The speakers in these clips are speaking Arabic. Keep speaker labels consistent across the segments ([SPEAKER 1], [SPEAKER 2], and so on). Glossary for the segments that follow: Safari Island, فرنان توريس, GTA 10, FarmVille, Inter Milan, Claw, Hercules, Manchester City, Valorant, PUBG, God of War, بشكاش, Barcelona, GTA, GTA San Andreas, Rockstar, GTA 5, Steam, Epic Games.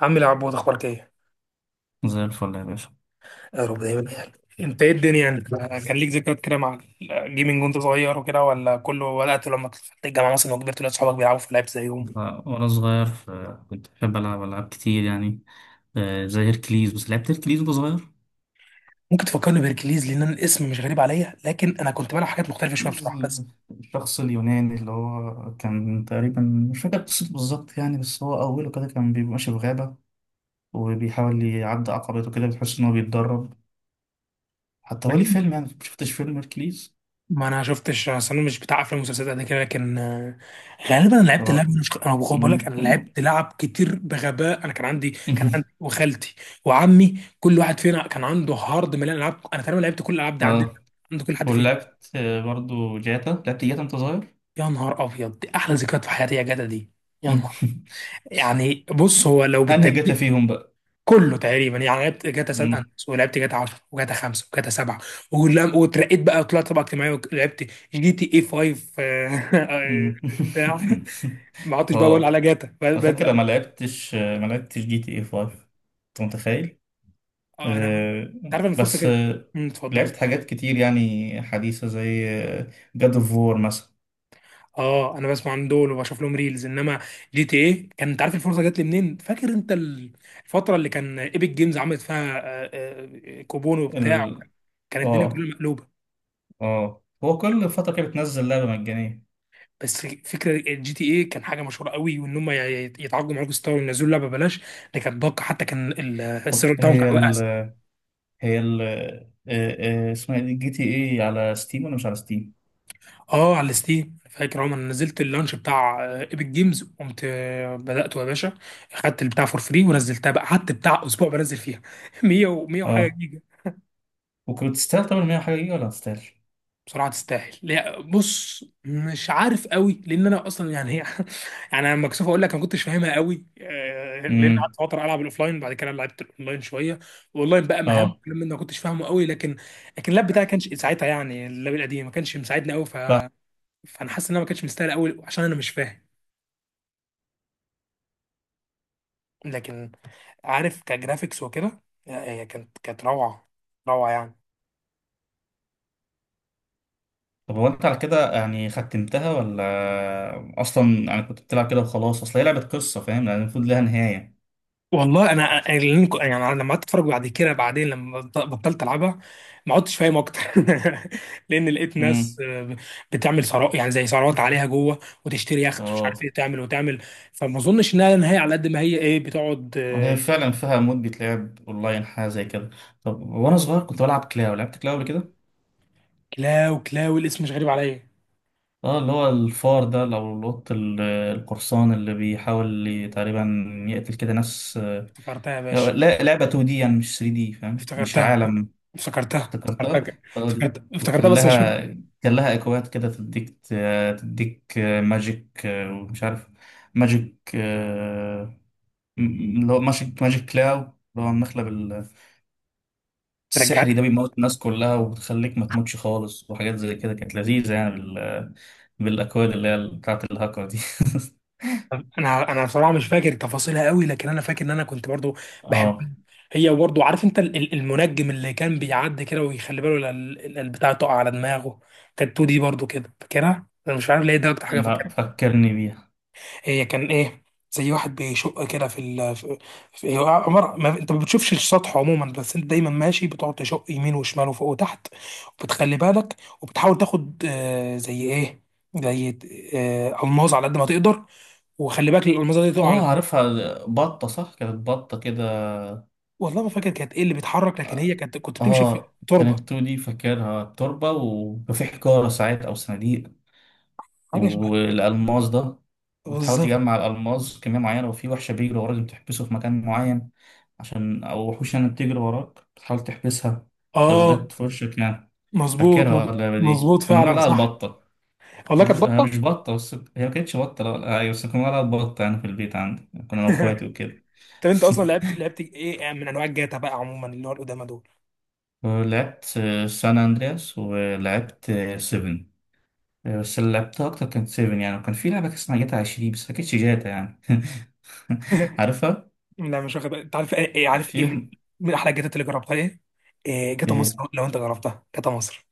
[SPEAKER 1] عم العبود، اخبارك ايه؟
[SPEAKER 2] زي الفل يا باشا.
[SPEAKER 1] يا رب دايما يعني. انت ايه الدنيا يعني؟ كان ليك ذكريات كده مع الجيمنج وانت صغير وكده، ولا كله بدأت لما دخلت الجامعه مثلا وكبرت ولاد صحابك بيلعبوا في لعب زيهم؟
[SPEAKER 2] ف- وأنا صغير ف- كنت بحب ألعب ألعاب كتير يعني، زي هيركليز. بس لعبت هيركليز وأنا صغير.
[SPEAKER 1] ممكن تفكرني بهركليز، لان أنا الاسم مش غريب عليا لكن انا كنت بلعب حاجات مختلفه شويه
[SPEAKER 2] هيركليز
[SPEAKER 1] بصراحه، بس
[SPEAKER 2] الشخص اليوناني اللي هو كان تقريبا، مش فاكر قصته بالظبط يعني، بس هو أوله كده كان بيبقى ماشي في غابة وبيحاول يعدي عقبات وكده، بتحس إن هو بيتدرب. حتى هو ليه
[SPEAKER 1] غالبا
[SPEAKER 2] فيلم يعني، مشفتش فيلم هيركليز.
[SPEAKER 1] ما انا شفتش، اصل انا مش بتاع افلام ومسلسلات قد كده. لكن غالبا انا
[SPEAKER 2] ف-
[SPEAKER 1] لعبت اللعب. مش انا بقول لك انا
[SPEAKER 2] م-
[SPEAKER 1] لعبت لعب كتير بغباء، انا كان عندي وخالتي وعمي، كل واحد فينا كان عنده هارد مليان العاب، انا تقريبا لعبت كل الالعاب دي عندنا
[SPEAKER 2] ف-
[SPEAKER 1] عند كل حد فينا.
[SPEAKER 2] ولعبت برضو جاتا. لعبت جاتا أنت صغير.
[SPEAKER 1] يا نهار ابيض، دي احلى ذكريات في حياتي يا جدع، دي يا نهار. يعني بص، هو لو
[SPEAKER 2] أنهي جاتا
[SPEAKER 1] بالترتيب
[SPEAKER 2] فيهم
[SPEAKER 1] كله تقريبا، يعني لعبت جاتا سان
[SPEAKER 2] بقى؟
[SPEAKER 1] اندريس ولعبت جاتا 10 وجاتا 5 وجاتا 7. واترقيت بقى وطلعت طبقه اجتماعيه ولعبت جي تي اي 5،
[SPEAKER 2] مم.
[SPEAKER 1] بتاع. ما عدتش بقى بقول
[SPEAKER 2] اه،
[SPEAKER 1] على جاتا
[SPEAKER 2] أنا فاكر ما لعبتش ما لعبتش جي تي اي 5، انت متخيل؟
[SPEAKER 1] آه، انا عملت-
[SPEAKER 2] آه،
[SPEAKER 1] انت عارف ان الفرصه
[SPEAKER 2] بس
[SPEAKER 1] كده.
[SPEAKER 2] آه،
[SPEAKER 1] مم، اتفضل.
[SPEAKER 2] لعبت حاجات كتير يعني حديثة، زي جاد اوف وور مثلا.
[SPEAKER 1] اه انا بسمع عن دول وبشوف لهم ريلز، انما جي تي ايه، كان انت عارف الفرصه جات لي منين؟ فاكر انت الفتره اللي كان ايبك جيمز عملت فيها كوبون وبتاع؟
[SPEAKER 2] ال...
[SPEAKER 1] كانت الدنيا كلها
[SPEAKER 2] اه،
[SPEAKER 1] مقلوبه.
[SPEAKER 2] اه، هو كل فترة كده بتنزل لعبة مجانية.
[SPEAKER 1] بس فكره الجي تي ايه كان حاجه مشهوره قوي، وان هم يتعاقدوا مع روك ستار وينزلوا لعبه ببلاش، دي كانت باقه. حتى كان
[SPEAKER 2] طب
[SPEAKER 1] السيرفر بتاعهم
[SPEAKER 2] هي
[SPEAKER 1] كان واقع.
[SPEAKER 2] ال هي ال آه، آه، اسمها ايه، جي تي اي، على ستيم ولا مش على ستيم؟
[SPEAKER 1] اه على الستيم. فاكر عمر أنا نزلت اللانش بتاع ايبك جيمز، قمت بداته يا باشا، خدت البتاع فور فري ونزلتها بقى، قعدت بتاع اسبوع بنزل فيها 100 و100 وحاجه
[SPEAKER 2] اه.
[SPEAKER 1] جيجا.
[SPEAKER 2] وكنت تستاهل طبعا 100 حاجة دي ولا ما تستاهلش؟
[SPEAKER 1] بصراحه تستاهل. لا، بص مش عارف قوي، لان انا اصلا يعني هي يعني انا مكسوف اقول لك انا ما كنتش فاهمها قوي، لان قعدت
[SPEAKER 2] امم،
[SPEAKER 1] فتره العب الاوفلاين بعد كده لعبت الاونلاين شويه. والاونلاين بقى مهم،
[SPEAKER 2] اه.
[SPEAKER 1] لما انا ما كنتش فاهمه قوي. لكن اللاب بتاعي كانش ساعتها، يعني اللاب القديم ما كانش مساعدني قوي فانا حاسس ان انا ما كانش مستاهل قوي عشان انا مش فاهم. لكن عارف كجرافيكس وكده، لا، هي كانت روعه، روعه يعني.
[SPEAKER 2] طب هو انت على كده يعني ختمتها، ولا اصلا يعني كنت بتلعب كده وخلاص؟ اصل هي لعبة قصة، فاهم، يعني المفروض لها نهاية.
[SPEAKER 1] والله انا أنا- اللي أنا- يعني أنا لما قعدت اتفرج بعد كده، بعدين لما بطلت العبها ما عدتش فاهم اكتر. لان لقيت ناس
[SPEAKER 2] امم،
[SPEAKER 1] بتعمل ثروات، يعني زي ثروات عليها جوه، وتشتري يخت، ومش عارف
[SPEAKER 2] اه،
[SPEAKER 1] ايه تعمل وتعمل. فما اظنش انها نهايه على قد ما هي ايه، بتقعد
[SPEAKER 2] هي فعلا فيها مود بيتلعب اونلاين حاجة زي كده. طب وانا صغير كنت بلعب كلاو، لعبت كلاو قبل كده؟
[SPEAKER 1] كلاو. كلاو الاسم مش غريب عليا.
[SPEAKER 2] اه، اللي هو الفار ده، لو القط القرصان اللي بيحاول تقريبا يقتل كده ناس.
[SPEAKER 1] افتكرتها يا باشا،
[SPEAKER 2] لا لعبة 2D يعني، مش 3D، فاهم، مش
[SPEAKER 1] افتكرتها
[SPEAKER 2] عالم.
[SPEAKER 1] افتكرتها
[SPEAKER 2] افتكرتها،
[SPEAKER 1] افتكرتها
[SPEAKER 2] اه دي.
[SPEAKER 1] افتكرتها افتكرتها،
[SPEAKER 2] وكان
[SPEAKER 1] بس مش فاكر.
[SPEAKER 2] لها، كان لها اكواد كده تديك، تديك ماجيك ومش عارف، ماجيك آه، اللي هو ماجيك، ماجيك كلاو، اللي هو المخلب
[SPEAKER 1] رجع.
[SPEAKER 2] السحري ده بيموت الناس كلها وبتخليك ما تموتش خالص، وحاجات زي كده كانت لذيذة يعني بالاكواد اللي هي بتاعت الهاكر دي.
[SPEAKER 1] انا بصراحه مش فاكر تفاصيلها قوي، لكن انا فاكر ان انا كنت برضو
[SPEAKER 2] اه.
[SPEAKER 1] بحبها. هي برضه، عارف انت المنجم اللي كان بيعدي كده ويخلي باله لا البتاع تقع على دماغه؟ كانت 2 دي برضه، كده فاكرها، انا مش عارف ليه ده اكتر حاجه
[SPEAKER 2] لا
[SPEAKER 1] فاكرها.
[SPEAKER 2] فكرني بيها.
[SPEAKER 1] هي كان ايه؟ زي واحد بيشق كده في هو عمر ما انت ما بتشوفش السطح عموما، بس انت دايما ماشي بتقعد تشق يمين وشمال وفوق وتحت وبتخلي بالك، وبتحاول تاخد زي ايه، زي الماظ على قد ما تقدر، وخلي بالك الالماظه دي تقع على
[SPEAKER 2] اه
[SPEAKER 1] دماغك.
[SPEAKER 2] عارفها، بطة صح، كانت بطة كده.
[SPEAKER 1] والله ما فاكر كانت ايه اللي بيتحرك، لكن هي كنت بتمشي في
[SPEAKER 2] اه كانت
[SPEAKER 1] تربه.
[SPEAKER 2] 2 دي فاكرها، تربة وكان في حجارة ساعات أو صناديق
[SPEAKER 1] حاجه
[SPEAKER 2] والألماس ده، بتحاول
[SPEAKER 1] بالظبط.
[SPEAKER 2] تجمع الألماس كمية معينة، وفي وحشة بيجري وراك بتحبسه في مكان معين، عشان أو وحوش يعني بتجري وراك بتحاول تحبسها لو
[SPEAKER 1] اه
[SPEAKER 2] جت في وشك يعني.
[SPEAKER 1] مظبوط،
[SPEAKER 2] فاكرها اللعبة دي،
[SPEAKER 1] مظبوط
[SPEAKER 2] كنا
[SPEAKER 1] فعلا
[SPEAKER 2] بنقول عليها
[SPEAKER 1] صح.
[SPEAKER 2] البطة.
[SPEAKER 1] والله كانت
[SPEAKER 2] كنا، هي
[SPEAKER 1] بطه.
[SPEAKER 2] مش بطة، بس هي ما كانتش بطة، لا أيوة، بس كنا بنقول عليها البطة يعني، في البيت عندي كنا أنا وأخواتي وكده.
[SPEAKER 1] طب انت اصلا لعبت ايه من انواع الجاتا بقى عموما، اللي هو القدامى دول؟
[SPEAKER 2] لعبت سان أندرياس، ولعبت 7. إيه، بس اللي لعبتها أكتر كانت 7 يعني. وكان في لعبة كان اسمها جاتا 20، بس ما كانتش جاتا يعني. عارفها؟
[SPEAKER 1] لا مش واخد بالي. انت عارف ايه، عارف
[SPEAKER 2] في،
[SPEAKER 1] ايه من احلى الجاتات اللي جربتها ايه؟ إيه جاتا مصر،
[SPEAKER 2] إيه،
[SPEAKER 1] لو انت جربتها جاتا مصر.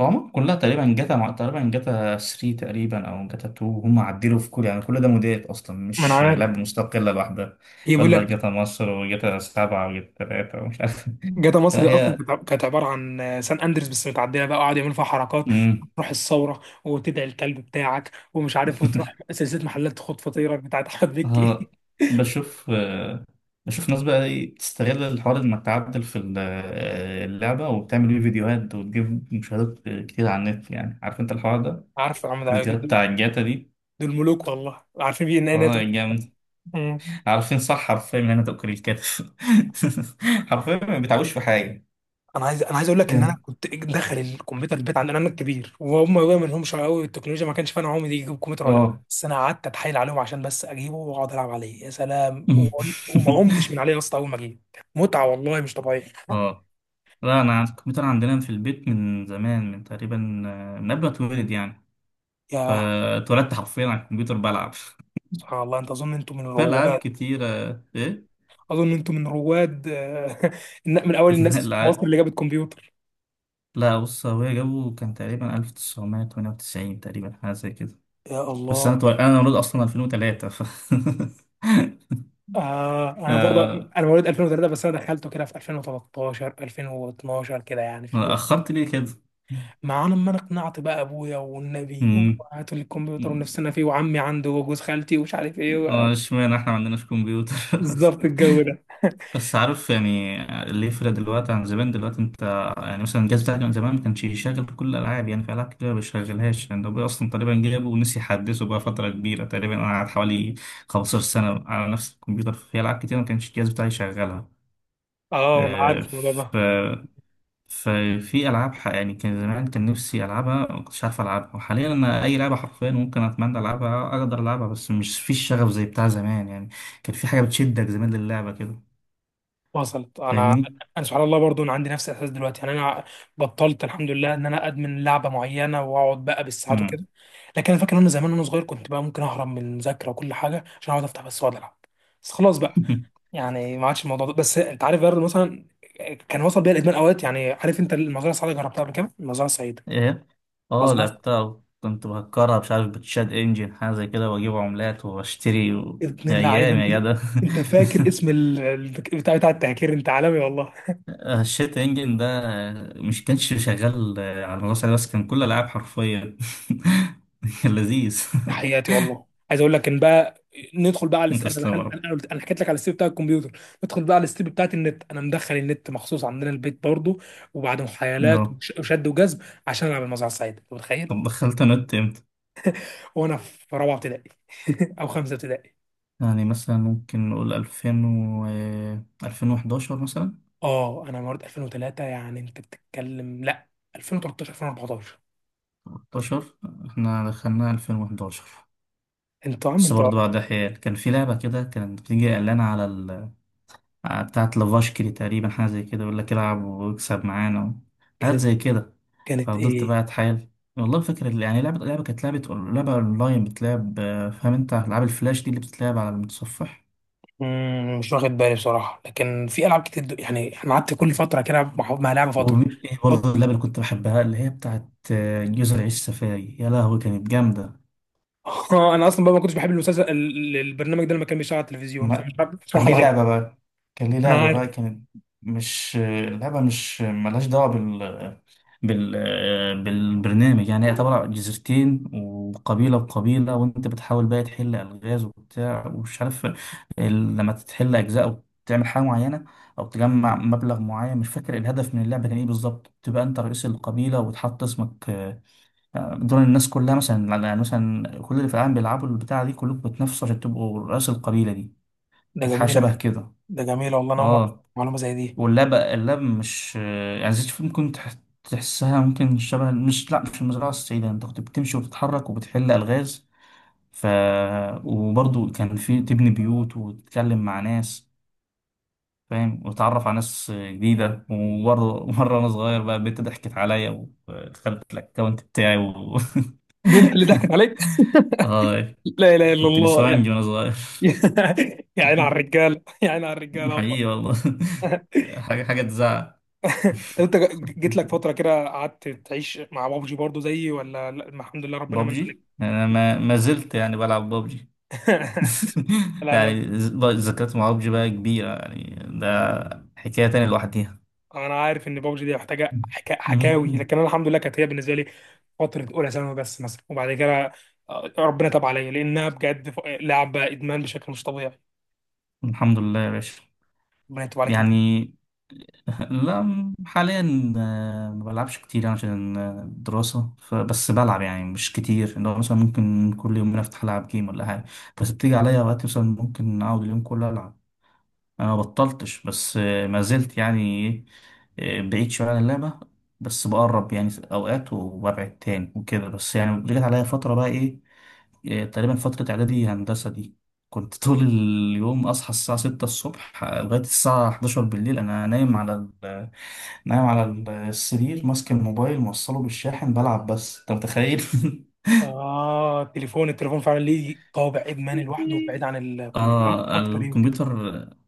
[SPEAKER 2] هم كلها تقريبا تقريبا جاتا 3 تقريبا، أو جاتا 2، هم عدلوا في كل يعني، كل ده موديلات أصلا،
[SPEAKER 1] ما انا
[SPEAKER 2] مش
[SPEAKER 1] عارف،
[SPEAKER 2] لعبة مستقلة لوحدها.
[SPEAKER 1] هي بيقول
[SPEAKER 2] ولا
[SPEAKER 1] لك
[SPEAKER 2] جاتا مصر وجاتا 7 وجاتا 3 ومش عارف.
[SPEAKER 1] جاتا مصر دي
[SPEAKER 2] لا
[SPEAKER 1] اصلا
[SPEAKER 2] هي،
[SPEAKER 1] كانت كانت عباره عن سان اندريس بس متعدله بقى، وقعد يعمل فيها حركات.
[SPEAKER 2] مم.
[SPEAKER 1] تروح الثوره وتدعي الكلب بتاعك ومش عارف، وتروح سلسله محلات خد فطيرك بتاعت احمد
[SPEAKER 2] ها،
[SPEAKER 1] مكي.
[SPEAKER 2] بشوف بشوف ناس بقى ايه بتستغل الحوار انك تعدل في اللعبة، وبتعمل بيه فيديوهات وتجيب مشاهدات كتير على النت يعني، عارف انت الحوار ده،
[SPEAKER 1] عارف يا عم ده؟
[SPEAKER 2] فيديوهات بتاع الجاتا دي.
[SPEAKER 1] دول ملوك والله، عارفين بيه ان انا.
[SPEAKER 2] اه جامد.
[SPEAKER 1] مم.
[SPEAKER 2] عارفين صح، حرفيا من هنا تأكل الكتف. حرفيا ما بيتعبوش في حاجة.
[SPEAKER 1] انا عايز اقول لك ان انا كنت داخل الكمبيوتر البيت عندنا، انا الكبير وهم بقى ما لهمش قوي التكنولوجيا، ما كانش فاهم هم دي يجيبوا كمبيوتر ولا لا،
[SPEAKER 2] اه.
[SPEAKER 1] بس انا قعدت اتحايل عليهم عشان بس اجيبه واقعد العب عليه. يا سلام، وما قمتش من عليه يا اسطى اول ما جه، متعه والله مش طبيعيه.
[SPEAKER 2] اه لا انا الكمبيوتر عندنا في البيت من زمان، من تقريبا، من قبل ما اتولد يعني.
[SPEAKER 1] يا
[SPEAKER 2] فاتولدت حرفيا على الكمبيوتر بلعب
[SPEAKER 1] سبحان الله، انت اظن انتوا من
[SPEAKER 2] في ألعاب
[SPEAKER 1] رواد،
[SPEAKER 2] كتيرة. إيه؟
[SPEAKER 1] اظن انتوا من رواد آه، من اول الناس في مصر
[SPEAKER 2] الألعاب،
[SPEAKER 1] اللي جابت كمبيوتر.
[SPEAKER 2] لا بص، هو جابه كان تقريبا 1998، تقريبا حاجة زي كده.
[SPEAKER 1] يا الله.
[SPEAKER 2] أنا مولود أصلا 2003 ف،
[SPEAKER 1] انا برضه،
[SPEAKER 2] آه،
[SPEAKER 1] انا مواليد 2003، بس انا دخلته كده في 2013 2012 كده، يعني في،
[SPEAKER 2] أخرت ليه كده؟
[SPEAKER 1] مع لما انا اقنعت بقى ابويا والنبي
[SPEAKER 2] مم.
[SPEAKER 1] وهاتوا لي الكمبيوتر ونفسنا فيه، وعمي عنده، وجوز خالتي، ومش عارف ايه
[SPEAKER 2] اشمعنى إحنا ما عندناش كمبيوتر.
[SPEAKER 1] بالظبط الجو ده.
[SPEAKER 2] بس عارف يعني اللي يفرق دلوقتي عن زمان، دلوقتي انت يعني مثلا الجهاز بتاعك من زمان ما كانش يشغل كل الالعاب، يعني في العاب كتير ما بيشغلهاش، لان هو اصلا تقريبا جابه ونسي يحدثه بقى فتره كبيره، تقريبا انا قعدت حوالي 15 سنه على نفس الكمبيوتر، في العاب كتير ما كانش الجهاز بتاعي يشغلها.
[SPEAKER 1] اه انا
[SPEAKER 2] اه.
[SPEAKER 1] عارف الموضوع
[SPEAKER 2] ف
[SPEAKER 1] ده،
[SPEAKER 2] ففي العاب يعني، كان زمان كان نفسي العبها ما كنتش عارف العبها، وحاليا انا اي لعبه حرفيا ممكن اتمنى العبها اقدر العبها، بس مش في الشغف زي بتاع زمان يعني، كان في حاجه بتشدك زمان للعبه كده،
[SPEAKER 1] وصلت انا.
[SPEAKER 2] فاهمني؟
[SPEAKER 1] انا سبحان الله برضو، انا عندي نفس الاحساس دلوقتي، يعني انا بطلت، الحمد لله، ان انا ادمن لعبه معينه واقعد بقى بالساعات وكده. لكن انا فاكر ان انا زمان وانا صغير كنت بقى ممكن اهرب من المذاكره وكل حاجه عشان اقعد افتح بس واقعد العب. بس خلاص بقى، يعني ما عادش الموضوع ده. بس انت عارف برضه مثلا، كان وصل بيها الادمان اوقات، يعني عارف انت المزرعه السعيده؟ جربتها قبل كده، المزرعه السعيده؟
[SPEAKER 2] ايه، اه
[SPEAKER 1] مزرعه،
[SPEAKER 2] لعبتها، كنت بهكرها مش عارف بتشات انجن حاجه زي كده، واجيب عملات واشتري
[SPEAKER 1] ابن
[SPEAKER 2] يا
[SPEAKER 1] اللعيبه
[SPEAKER 2] ايام
[SPEAKER 1] انت.
[SPEAKER 2] يا جدع.
[SPEAKER 1] انت فاكر اسم بتاع التهكير؟ انت عالمي والله،
[SPEAKER 2] الشات انجن ده مش كانش شغال على المدرسه بس، كان كل العاب حرفيا. كان لذيذ.
[SPEAKER 1] تحياتي. والله عايز اقول لك ان بقى ندخل بقى على
[SPEAKER 2] انت
[SPEAKER 1] انا
[SPEAKER 2] تسلم يا
[SPEAKER 1] دخلت انا
[SPEAKER 2] رب.
[SPEAKER 1] أنا قلت- أنا حكيت لك على الستيب بتاع الكمبيوتر، ندخل بقى على الستيب بتاعت النت. انا مدخل النت مخصوص عندنا البيت برضه، وبعد محايلات
[SPEAKER 2] نعم.
[SPEAKER 1] وشد وجذب، عشان العب المزرعه السعيده. انت متخيل؟
[SPEAKER 2] طب دخلت نت امتى؟
[SPEAKER 1] وانا في رابعه ابتدائي او خمسه ابتدائي.
[SPEAKER 2] يعني مثلا ممكن نقول 2000 و 2011 مثلا،
[SPEAKER 1] اه انا مواليد 2003، يعني انت بتتكلم، لا 2013 2014،
[SPEAKER 2] 13، احنا دخلنا 2011.
[SPEAKER 1] انت يا عم
[SPEAKER 2] بس
[SPEAKER 1] انت.
[SPEAKER 2] برضه بعد حيال كان في لعبة كده كانت بتيجي إعلانة على بتاعة لافاشكري تقريبا حاجة زي كده، يقول لك العب واكسب معانا حاجات
[SPEAKER 1] كانت
[SPEAKER 2] زي كده.
[SPEAKER 1] كانت
[SPEAKER 2] ففضلت
[SPEAKER 1] ايه؟
[SPEAKER 2] بقى أتحايل، والله فاكر يعني لعبة كانت لعبة أونلاين بتلعب، فاهم أنت ألعاب الفلاش دي اللي بتتلعب على المتصفح؟
[SPEAKER 1] مم، مش واخد بالي بصراحه، لكن في العاب كتير يعني انا قعدت كل فتره كده مع لعبه فتره.
[SPEAKER 2] وإيه
[SPEAKER 1] فط-
[SPEAKER 2] برضه اللعبة اللي كنت بحبها، اللي هي بتاعة جزر عيش سفاري، يا لهوي كانت جامدة.
[SPEAKER 1] اه انا اصلا بقى ما كنتش بحب المسلسل البرنامج ده لما كان بيشتغل على التلفزيون، فمش
[SPEAKER 2] ما-
[SPEAKER 1] عارف
[SPEAKER 2] كان
[SPEAKER 1] بصراحه
[SPEAKER 2] ليه
[SPEAKER 1] العبها.
[SPEAKER 2] لعبة بقى، كان ليه
[SPEAKER 1] انا
[SPEAKER 2] لعبة بقى
[SPEAKER 1] عارف.
[SPEAKER 2] كانت، مش لعبة، مش ملهاش دعوة بالبرنامج يعني، هي عبارة عن جزيرتين وقبيلة وقبيلة، وانت بتحاول بقى تحل ألغاز وبتاع ومش عارف لما تحل أجزاء أو تعمل حاجة معينة أو تجمع مبلغ معين، مش فاكر الهدف من اللعبة كان إيه بالظبط، تبقى أنت رئيس القبيلة وتحط اسمك، دول الناس كلها مثلا، يعني مثلا كل اللي في العالم بيلعبوا البتاعة دي كلكم بتنافسوا عشان تبقوا رئيس القبيلة دي.
[SPEAKER 1] ده
[SPEAKER 2] كانت حاجة
[SPEAKER 1] جميله،
[SPEAKER 2] شبه كده.
[SPEAKER 1] ده جميله والله، انا اول مره أعرف
[SPEAKER 2] اه.
[SPEAKER 1] معلومه زي دي.
[SPEAKER 2] واللاب مش يعني زيت الفيل ممكن تحسها، ممكن شبه، مش لا مش المزرعة السعيدة، انت كنت بتمشي وبتتحرك وبتحل ألغاز. ف، وبرضه كان في تبني بيوت وتتكلم مع ناس، فاهم، وتتعرف على ناس جديدة. وبرضه مرة أنا صغير بقى البنت ضحكت عليا ودخلت الأكونت بتاعي
[SPEAKER 1] بنت اللي ضحكت عليك؟
[SPEAKER 2] آه،
[SPEAKER 1] لا اله الا
[SPEAKER 2] كنت
[SPEAKER 1] الله يا.
[SPEAKER 2] نسوانجي وأنا صغير.
[SPEAKER 1] يا عيني على الرجاله، يا عيني على الرجاله والله.
[SPEAKER 2] حقيقي والله. حاجة، حاجة تزعل.
[SPEAKER 1] طب انت جيت لك فتره كده قعدت تعيش مع بابجي برضو زيي ولا لا، الحمد لله ربنا من
[SPEAKER 2] بابجي
[SPEAKER 1] عليك؟
[SPEAKER 2] يعني، انا ما زلت يعني بلعب بابجي.
[SPEAKER 1] لا انا،
[SPEAKER 2] يعني ذكريات مع بابجي بقى كبيرة يعني، ده حكاية تانية لوحديها.
[SPEAKER 1] انا عارف ان بابجي دي محتاجه حكاوي، لكن انا الحمد لله كانت هي بالنسبه لي فتره اولى ثانوي بس مثلا، وبعد كده ربنا تاب عليا، لانها بجد لعبه ادمان بشكل مش طبيعي.
[SPEAKER 2] الحمد لله يا باشا.
[SPEAKER 1] ربنا يتوب عليك انت.
[SPEAKER 2] يعني لا حاليا، ما بلعبش كتير يعني عشان الدراسة، بس بلعب يعني مش كتير، اللي هو مثلا ممكن كل يومين افتح العب جيم ولا حاجة. بس بتيجي عليا وقت مثلا ممكن اقعد اليوم كله العب. انا ما بطلتش، بس ما زلت يعني، إيه، بعيد شويه عن اللعبه، بس بقرب يعني في اوقات وببعد تاني وكده. بس يعني رجعت عليا فتره بقى ايه، تقريبا فتره اعدادي هندسه دي، كنت طول اليوم اصحى الساعه 6 الصبح لغايه الساعه 11 بالليل انا نايم على ال- نايم على السرير ماسك الموبايل موصله بالشاحن بلعب، بس انت متخيل؟
[SPEAKER 1] اه التليفون، التليفون فعلا ليه طابع ادمان لوحده، بعيد عن الكمبيوتر،
[SPEAKER 2] اه
[SPEAKER 1] اكتر يمكن.
[SPEAKER 2] الكمبيوتر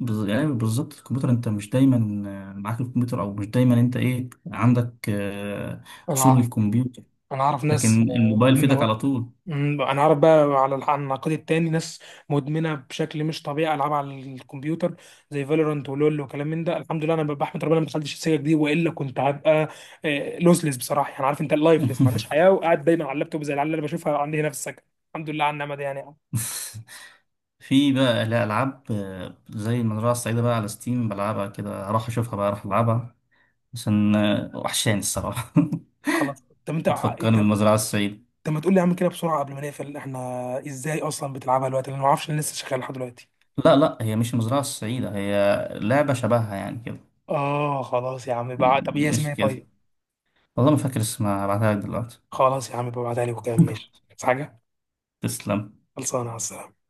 [SPEAKER 2] يعني بالظبط، الكمبيوتر انت مش دايما معاك الكمبيوتر، او مش دايما انت ايه عندك
[SPEAKER 1] انا
[SPEAKER 2] وصول
[SPEAKER 1] اعرف
[SPEAKER 2] للكمبيوتر،
[SPEAKER 1] انا اعرف
[SPEAKER 2] لكن
[SPEAKER 1] ناس
[SPEAKER 2] الموبايل في ايدك
[SPEAKER 1] مدمنه.
[SPEAKER 2] على طول.
[SPEAKER 1] مم، انا عارف بقى، على على النقيض التاني، ناس مدمنه بشكل مش طبيعي العاب على الكمبيوتر، زي فالورانت ولول وكلام من ده. الحمد لله انا بحمد ربنا ما دخلتش السكه دي، والا كنت هبقى لوسلس بصراحه، يعني عارف انت اللايفلس، ما عنديش حياه وقاعد دايما على اللابتوب زي العيال اللي انا بشوفها عندي هنا في السكن. الحمد لله على النعمه دي يعني.
[SPEAKER 2] في بقى لا العاب زي المزرعه السعيده بقى على ستيم، بلعبها كده، راح اشوفها بقى، راح العبها عشان وحشاني الصراحه.
[SPEAKER 1] خلاص، طب انت
[SPEAKER 2] بتفكرني
[SPEAKER 1] انت،
[SPEAKER 2] بالمزرعه السعيده.
[SPEAKER 1] طب ما تقول لي يا عم كده بسرعه قبل ما نقفل احنا، ازاي اصلا بتلعبها دلوقتي؟ لان ما اعرفش انا لسه شغال لحد دلوقتي.
[SPEAKER 2] لا لا، هي مش المزرعه السعيده، هي لعبه شبهها يعني كده.
[SPEAKER 1] اه خلاص يا عم بقى، طب ايه اسمها
[SPEAKER 2] مش
[SPEAKER 1] إيه
[SPEAKER 2] كده،
[SPEAKER 1] طيب؟
[SPEAKER 2] والله ما فاكر اسمها، هبعتها لك دلوقتي.
[SPEAKER 1] خلاص يا عم، ببعتها لي وكده ماشي. بس حاجه،
[SPEAKER 2] تسلم.
[SPEAKER 1] خلصانه على السلامة.